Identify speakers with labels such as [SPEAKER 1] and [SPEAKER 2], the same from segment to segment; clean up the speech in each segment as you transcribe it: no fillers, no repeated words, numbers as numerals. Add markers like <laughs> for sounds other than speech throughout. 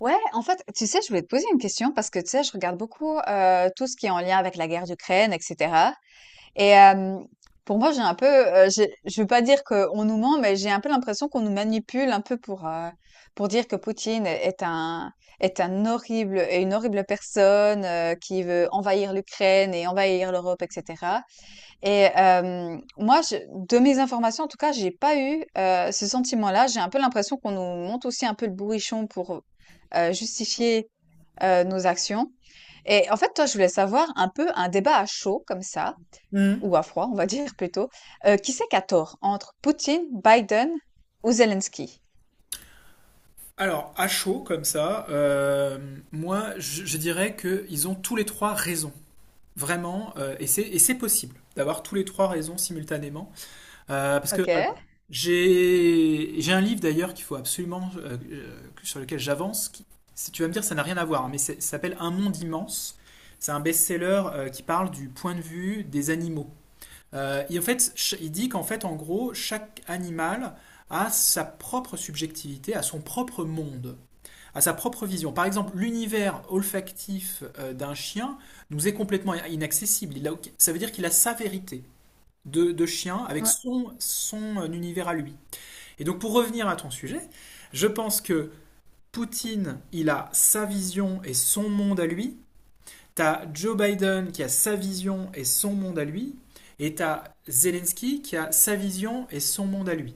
[SPEAKER 1] Ouais, en fait, tu sais, je voulais te poser une question parce que tu sais, je regarde beaucoup tout ce qui est en lien avec la guerre d'Ukraine, etc. Et euh, pour moi, j'ai un peu, je veux pas dire qu'on nous ment, mais j'ai un peu l'impression qu'on nous manipule un peu pour dire que Poutine est un horrible est une horrible personne qui veut envahir l'Ukraine et envahir l'Europe, etc. Et hem, moi, je de mes informations, en tout cas, j'ai pas eu, ce sentiment-là. J'ai un peu l'impression qu'on nous monte aussi un peu le bourrichon pour, justifier, nos actions. Et en fait, toi, je voulais savoir un peu un débat à chaud comme ça,
[SPEAKER 2] Mhm.
[SPEAKER 1] ou à froid, on va <laughs> dire plutôt. Qui c'est qui a tort entre Poutine, Biden ou Zelensky?
[SPEAKER 2] Alors, à chaud comme ça, moi, je dirais qu'ils ont tous les trois raison. Vraiment, et c'est possible d'avoir tous les trois raisons simultanément. Parce que,
[SPEAKER 1] OK.
[SPEAKER 2] alors, j'ai un livre d'ailleurs qu'il faut absolument, sur lequel j'avance. Si tu vas me dire, ça n'a rien à voir, hein, ça s'appelle Un monde immense. C'est un best-seller qui parle du point de vue des animaux. Et en fait, il dit qu'en fait, en gros, chaque animal a sa propre subjectivité, à son propre monde, à sa propre vision. Par exemple, l'univers olfactif d'un chien nous est complètement inaccessible. Ça veut dire qu'il a sa vérité de chien avec
[SPEAKER 1] Ouais.
[SPEAKER 2] son univers à lui. Et donc, pour revenir à ton sujet, je pense que Poutine, il a sa vision et son monde à lui. T'as Joe Biden qui a sa vision et son monde à lui, et t'as Zelensky qui a sa vision et son monde à lui.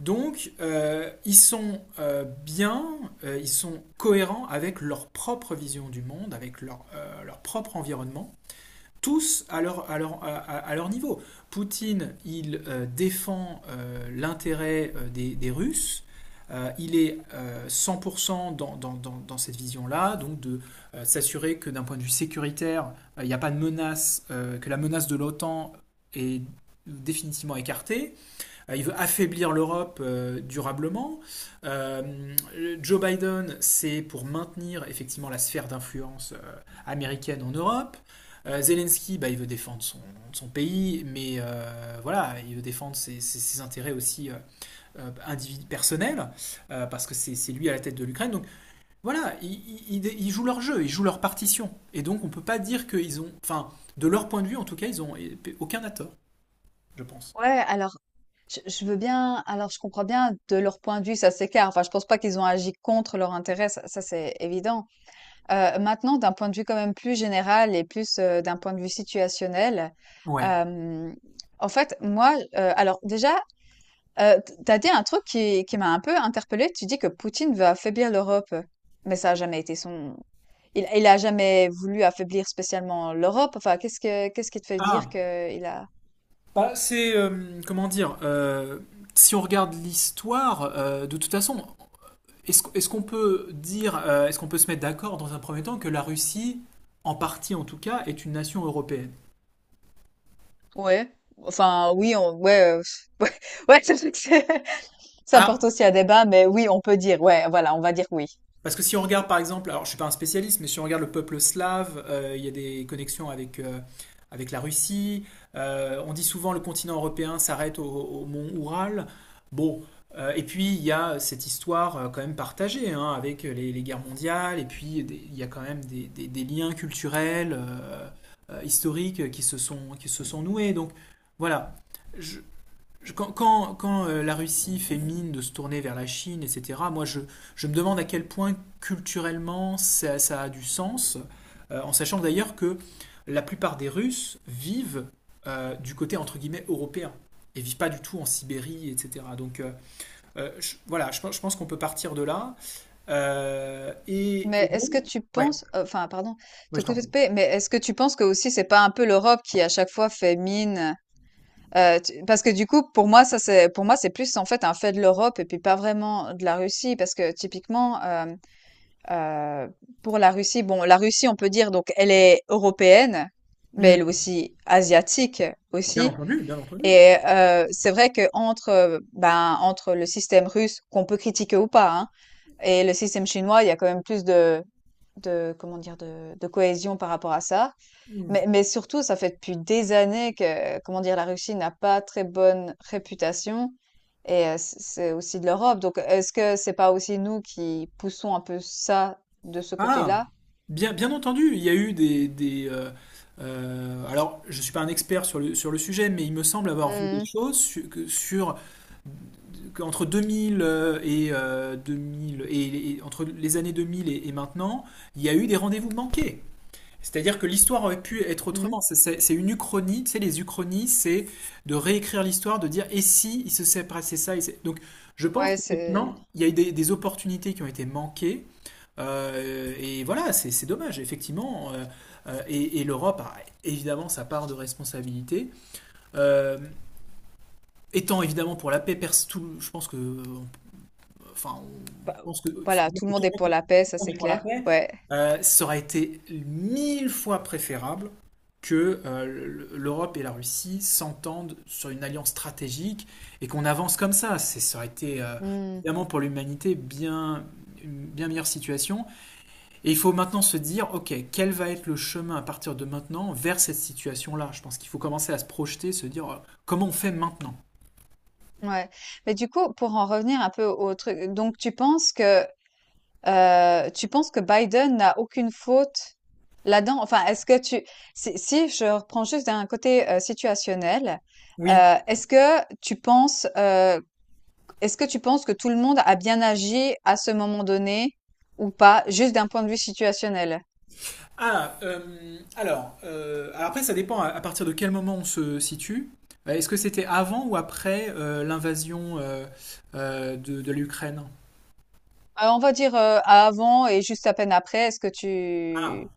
[SPEAKER 2] Donc, ils sont cohérents avec leur propre vision du monde, avec leur propre environnement tous à leur niveau. Poutine, il défend l'intérêt des Russes. Il est 100% dans cette vision-là, donc de s'assurer que d'un point de vue sécuritaire, il n'y a pas de menace, que la menace de l'OTAN est définitivement écartée, il veut affaiblir l'Europe durablement. Euh, Joe Biden, c'est pour maintenir effectivement la sphère d'influence américaine en Europe. Zelensky, bah, il veut défendre son pays, mais voilà, il veut défendre ses intérêts aussi personnels, parce que c'est lui à la tête de l'Ukraine. Donc voilà, il jouent leur jeu, ils jouent leur partition. Et donc on peut pas dire qu'ils ont, enfin, de leur point de vue en tout cas, ils ont aucun à tort, je pense.
[SPEAKER 1] Ouais, alors, je veux bien alors, je comprends bien de leur point de vue, ça s'écarte. Enfin, je pense pas qu'ils ont agi contre leur intérêt, ça c'est évident. Maintenant d'un point de vue quand même plus général et plus, d'un point de vue situationnel,
[SPEAKER 2] Ouais.
[SPEAKER 1] hem, en fait, moi, alors déjà, t tu dit un truc qui m'a un peu interpellée. Tu dis que Poutine veut affaiblir l'Europe, mais ça a jamais été son. Il a jamais voulu affaiblir spécialement l'Europe. Enfin, qu'est-ce qui te fait dire
[SPEAKER 2] Ah,
[SPEAKER 1] que il a
[SPEAKER 2] bah, c'est, comment dire, si on regarde l'histoire, de toute façon, est-ce, est-ce qu'on peut dire, est-ce qu'on peut se mettre d'accord dans un premier temps que la Russie, en partie en tout cas, est une nation européenne?
[SPEAKER 1] Ouais. Enfin, oui, on, ouais, <laughs> ouais, ouais, c'est vrai que <laughs> ça porte aussi à débat, mais oui, on peut dire, ouais, voilà, on va dire oui.
[SPEAKER 2] Parce que si on regarde par exemple, alors je suis pas un spécialiste, mais si on regarde le peuple slave, il y a des connexions avec la Russie. On dit souvent le continent européen s'arrête au mont Oural. Bon, et puis il y a cette histoire quand même partagée hein, avec les guerres mondiales, et puis il y a quand même des liens culturels, historiques qui se sont noués. Donc voilà, je, quand la Russie fait mine de se tourner vers la Chine, etc., moi je me demande à quel point culturellement ça a du sens, en sachant d'ailleurs que la plupart des Russes vivent du côté entre guillemets européen et vivent pas du tout en Sibérie, etc. Donc voilà, je pense qu'on peut partir de là. Et
[SPEAKER 1] Mais est-ce que
[SPEAKER 2] bon.
[SPEAKER 1] tu penses, enfin, pardon, te couper, mais est-ce que tu penses que aussi c'est pas un peu l'Europe qui à chaque fois fait mine, parce que du coup, pour moi, pour moi, c'est plus en fait un fait de l'Europe et puis pas vraiment de la Russie, parce que typiquement, Euh, pour la Russie, bon, la Russie, on peut dire, donc, elle est européenne, mais
[SPEAKER 2] Hmm,
[SPEAKER 1] elle est aussi asiatique
[SPEAKER 2] bien
[SPEAKER 1] aussi.
[SPEAKER 2] entendu, bien entendu.
[SPEAKER 1] Et c'est vrai que entre, ben, entre le système russe, qu'on peut critiquer ou pas, hein, et le système chinois, il y a quand même plus de comment dire, de cohésion par rapport à ça.
[SPEAKER 2] Hmm.
[SPEAKER 1] Mais surtout, ça fait depuis des années que, comment dire, la Russie n'a pas très bonne réputation et c'est aussi de l'Europe. Donc est-ce que c'est pas aussi nous qui poussons un peu ça, de ce
[SPEAKER 2] Ah,
[SPEAKER 1] côté-là?
[SPEAKER 2] bien, bien entendu, il y a eu alors, je ne suis pas un expert sur sur le sujet, mais il me semble avoir vu des
[SPEAKER 1] Mmh mh.
[SPEAKER 2] choses sur, qu'entre 2000 et entre les années 2000 et maintenant, il y a eu des rendez-vous manqués. C'est-à-dire que l'histoire aurait pu être
[SPEAKER 1] Mmh
[SPEAKER 2] autrement. C'est une uchronie. Tu sais, les uchronies, c'est de réécrire l'histoire, de dire et si il se serait passé ça. Donc, je pense
[SPEAKER 1] Ouais, c'est
[SPEAKER 2] qu'effectivement, il y a eu des opportunités qui ont été manquées et voilà, c'est dommage, effectivement. Et l'Europe a évidemment sa part de responsabilité. Euh, Étant évidemment pour la paix, je pense que, enfin, on
[SPEAKER 1] bah,
[SPEAKER 2] pense que, faut
[SPEAKER 1] voilà,
[SPEAKER 2] dire
[SPEAKER 1] tout le
[SPEAKER 2] que
[SPEAKER 1] monde est pour la paix,
[SPEAKER 2] tout
[SPEAKER 1] ça,
[SPEAKER 2] le
[SPEAKER 1] c'est
[SPEAKER 2] monde est pour la
[SPEAKER 1] clair.
[SPEAKER 2] paix.
[SPEAKER 1] Ouais.
[SPEAKER 2] Ça aurait été mille fois préférable que l'Europe et la Russie s'entendent sur une alliance stratégique et qu'on avance comme ça. Ça aurait été
[SPEAKER 1] Mmh.
[SPEAKER 2] évidemment pour l'humanité bien une bien meilleure situation. Et il faut maintenant se dire, ok, quel va être le chemin à partir de maintenant vers cette situation-là. Je pense qu'il faut commencer à se projeter, se dire, comment on fait maintenant.
[SPEAKER 1] Ouais. Mais du coup, pour en revenir un peu au truc, donc tu penses que Biden n'a aucune faute là-dedans? Enfin, est-ce que tu si si je reprends juste d'un côté, situationnel,
[SPEAKER 2] Oui.
[SPEAKER 1] est-ce que tu penses, est-ce que tu penses que tout le monde a bien agi à ce moment donné ou pas, juste d'un point de vue situationnel?
[SPEAKER 2] Ah, alors après, ça dépend à partir de quel moment on se situe. Est-ce que c'était avant ou après l'invasion de l'Ukraine.
[SPEAKER 1] On va dire, avant et juste à peine après, est-ce que
[SPEAKER 2] Ah.
[SPEAKER 1] tu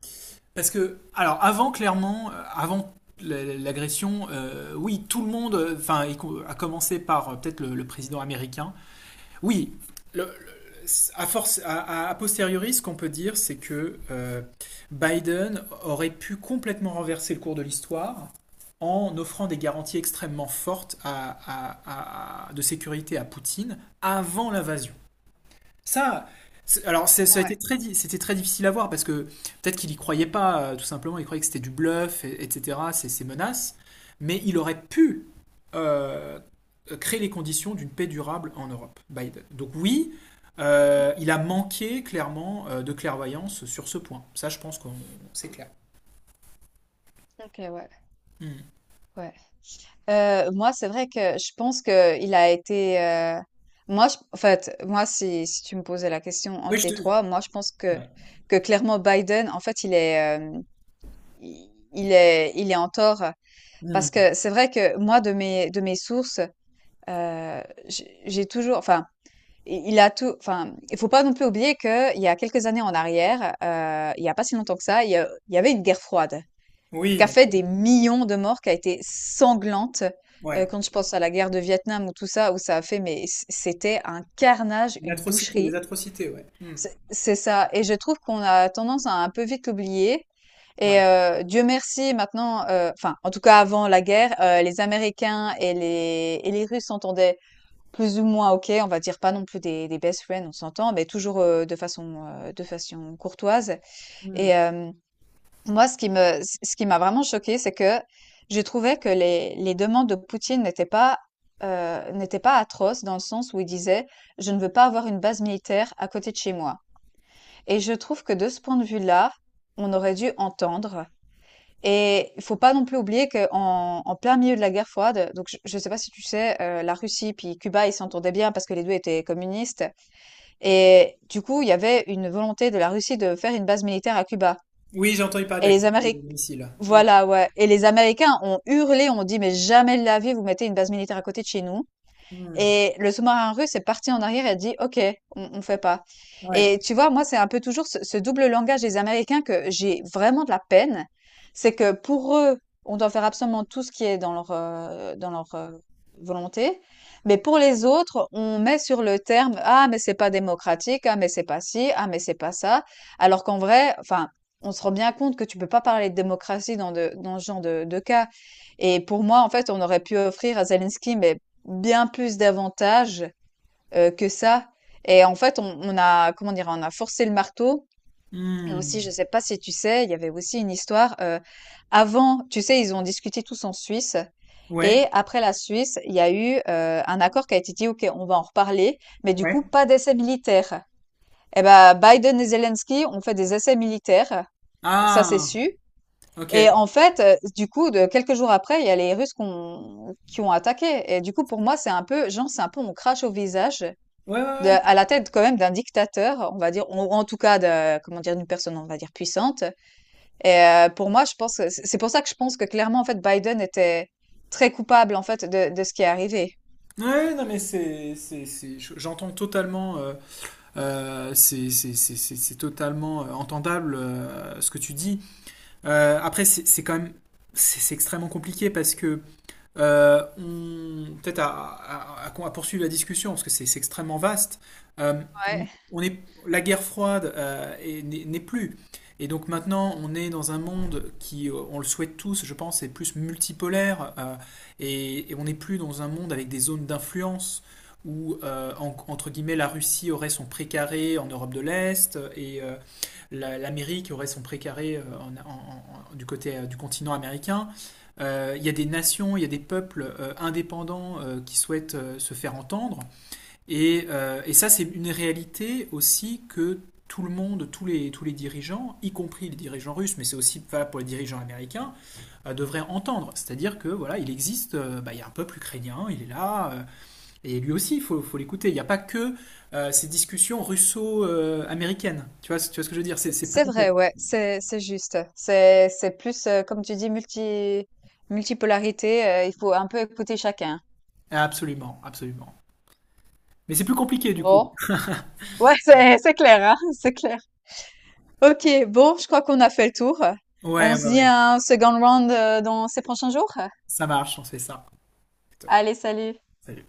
[SPEAKER 2] Parce que, alors, avant, clairement, avant l'agression, oui, tout le monde, enfin, à commencer par peut-être le président américain, oui, le- à force, a posteriori, ce qu'on peut dire, c'est que Biden aurait pu complètement renverser le cours de l'histoire en offrant des garanties extrêmement fortes de sécurité à Poutine avant l'invasion. Ça, ça a été
[SPEAKER 1] Ouais,
[SPEAKER 2] c'était très difficile à voir parce que peut-être qu'il y croyait pas, tout simplement, il croyait que c'était du bluff, etc., ces menaces, mais il aurait pu euh, créer les conditions d'une paix durable en Europe, Biden. Donc oui, il a manqué clairement de clairvoyance sur ce point. Ça, je pense qu'on c'est clair.
[SPEAKER 1] OK, ouais,
[SPEAKER 2] Hmm.
[SPEAKER 1] ouais. Moi, c'est vrai que je pense que il a été. En fait, moi, si, si tu me posais la question
[SPEAKER 2] Oui,
[SPEAKER 1] entre
[SPEAKER 2] je
[SPEAKER 1] les
[SPEAKER 2] te.
[SPEAKER 1] trois, moi, je pense
[SPEAKER 2] Ouais.
[SPEAKER 1] que clairement Biden, en fait, il est il est en tort
[SPEAKER 2] Hmm.
[SPEAKER 1] parce que c'est vrai que moi, de mes sources, j'ai toujours, enfin, il a tout, enfin, il faut pas non plus oublier que il y a quelques années en arrière, il y a pas si longtemps que ça, il y avait une guerre froide
[SPEAKER 2] Oui,
[SPEAKER 1] qui a
[SPEAKER 2] bien
[SPEAKER 1] fait
[SPEAKER 2] sûr.
[SPEAKER 1] des millions de morts, qui a été sanglante.
[SPEAKER 2] Ouais.
[SPEAKER 1] Quand je pense à la guerre de Vietnam ou tout ça, où ça a fait, mais c'était un carnage,
[SPEAKER 2] Une
[SPEAKER 1] une
[SPEAKER 2] atrocité, des
[SPEAKER 1] boucherie.
[SPEAKER 2] atrocités, ouais. Hmm.
[SPEAKER 1] C'est ça. Et je trouve qu'on a tendance à un peu vite l'oublier. Et
[SPEAKER 2] Ouais.
[SPEAKER 1] Dieu merci, maintenant, enfin, en tout cas avant la guerre, les Américains et les Russes s'entendaient plus ou moins ok. On va dire pas non plus des best friends, on s'entend, mais toujours de façon courtoise.
[SPEAKER 2] Hmm.
[SPEAKER 1] Et, moi, ce qui m'a vraiment choquée, c'est que j'ai trouvé que les demandes de Poutine n'étaient pas atroces dans le sens où il disait, je ne veux pas avoir une base militaire à côté de chez moi. Et je trouve que de ce point de vue-là, on aurait dû entendre. Et il faut pas non plus oublier qu'en en plein milieu de la guerre froide, donc je ne sais pas si tu sais, la Russie puis Cuba, ils s'entendaient bien parce que les deux étaient communistes. Et du coup, il y avait une volonté de la Russie de faire une base militaire à Cuba.
[SPEAKER 2] Oui, j'ai entendu parler
[SPEAKER 1] Et
[SPEAKER 2] de la
[SPEAKER 1] les
[SPEAKER 2] crise des
[SPEAKER 1] Améric
[SPEAKER 2] missiles.
[SPEAKER 1] voilà, ouais. Et les Américains ont hurlé, ont dit: «Mais jamais de la vie, vous mettez une base militaire à côté de chez nous».
[SPEAKER 2] Hmm.
[SPEAKER 1] Et le sous-marin russe est parti en arrière et a dit, OK, on fait pas.
[SPEAKER 2] Ouais.
[SPEAKER 1] Et tu vois, moi, c'est un peu toujours ce double langage des Américains que j'ai vraiment de la peine. C'est que pour eux, on doit faire absolument tout ce qui est dans leur, volonté. Mais pour les autres, on met sur le terme, ah, mais c'est pas démocratique, ah, mais c'est pas ci, ah, mais c'est pas ça. Alors qu'en vrai, enfin, on se rend bien compte que tu peux pas parler de démocratie dans ce genre de cas. Et pour moi, en fait, on aurait pu offrir à Zelensky, mais bien plus d'avantages, que ça et en fait, on a comment dire? On a forcé le marteau et
[SPEAKER 2] Hmm.
[SPEAKER 1] aussi, je sais pas si tu sais, il y avait aussi une histoire, avant tu sais, ils ont discuté tous en Suisse
[SPEAKER 2] Ouais,
[SPEAKER 1] et après la Suisse, il y a eu, un accord qui a été dit: «OK, on va en reparler, mais du
[SPEAKER 2] ouais.
[SPEAKER 1] coup, pas d'essais militaires». Et ben, Biden et Zelensky ont fait des essais militaires, ça c'est
[SPEAKER 2] Ah,
[SPEAKER 1] sûr
[SPEAKER 2] ok.
[SPEAKER 1] et
[SPEAKER 2] Ouais,
[SPEAKER 1] en fait, du coup, de quelques jours après, il y a les Russes qu'on qui ont attaqué et du coup, pour moi, c'est un peu genre, c'est un peu on crache au visage
[SPEAKER 2] ouais,
[SPEAKER 1] de
[SPEAKER 2] ouais.
[SPEAKER 1] à la tête quand même d'un dictateur, on va dire, ou en tout cas de comment dire? D'une personne, on va dire, puissante et pour moi, je pense, c'est pour ça que je pense que clairement, en fait, Biden était très coupable, en fait, de ce qui est arrivé.
[SPEAKER 2] Ouais, non, mais j'entends totalement, c'est totalement entendable ce que tu dis. Après, c'est quand même c'est extrêmement compliqué parce que on peut-être à poursuivre la discussion parce que c'est extrêmement vaste. Euh, on
[SPEAKER 1] Ouais,
[SPEAKER 2] on est La guerre froide n'est plus. Et donc maintenant, on est dans un monde qui, on le souhaite tous, je pense, est plus multipolaire et on n'est plus dans un monde avec des zones d'influence où, entre guillemets, la Russie aurait son pré carré en Europe de l'Est et l'Amérique aurait son précaré du côté du continent américain. Il y a des nations, il y a des peuples indépendants qui souhaitent se faire entendre. Et ça, c'est une réalité aussi que tout le monde, tous les dirigeants, y compris les dirigeants russes, mais c'est aussi valable pour les dirigeants américains, devraient entendre. C'est-à-dire que voilà, il existe, bah, il y a un peuple ukrainien, il est là, et lui aussi, il faut l'écouter. Il n'y a pas que ces discussions russo-américaines. Tu vois ce que je veux dire? C'est plus
[SPEAKER 1] c'est vrai,
[SPEAKER 2] complexe.
[SPEAKER 1] ouais, c'est juste. C'est plus comme tu dis multipolarité, il faut un peu écouter chacun.
[SPEAKER 2] Absolument, absolument. Mais c'est plus compliqué du coup.
[SPEAKER 1] Bon, ouais, <laughs> c'est clair, hein, <laughs> c'est clair. OK, bon, je crois qu'on a fait le tour.
[SPEAKER 2] Ouais,
[SPEAKER 1] On se
[SPEAKER 2] ouais,
[SPEAKER 1] dit
[SPEAKER 2] ouais.
[SPEAKER 1] un second round dans ces prochains jours.
[SPEAKER 2] Ça marche, on se fait ça. Plutôt.
[SPEAKER 1] Allez, salut.
[SPEAKER 2] Salut.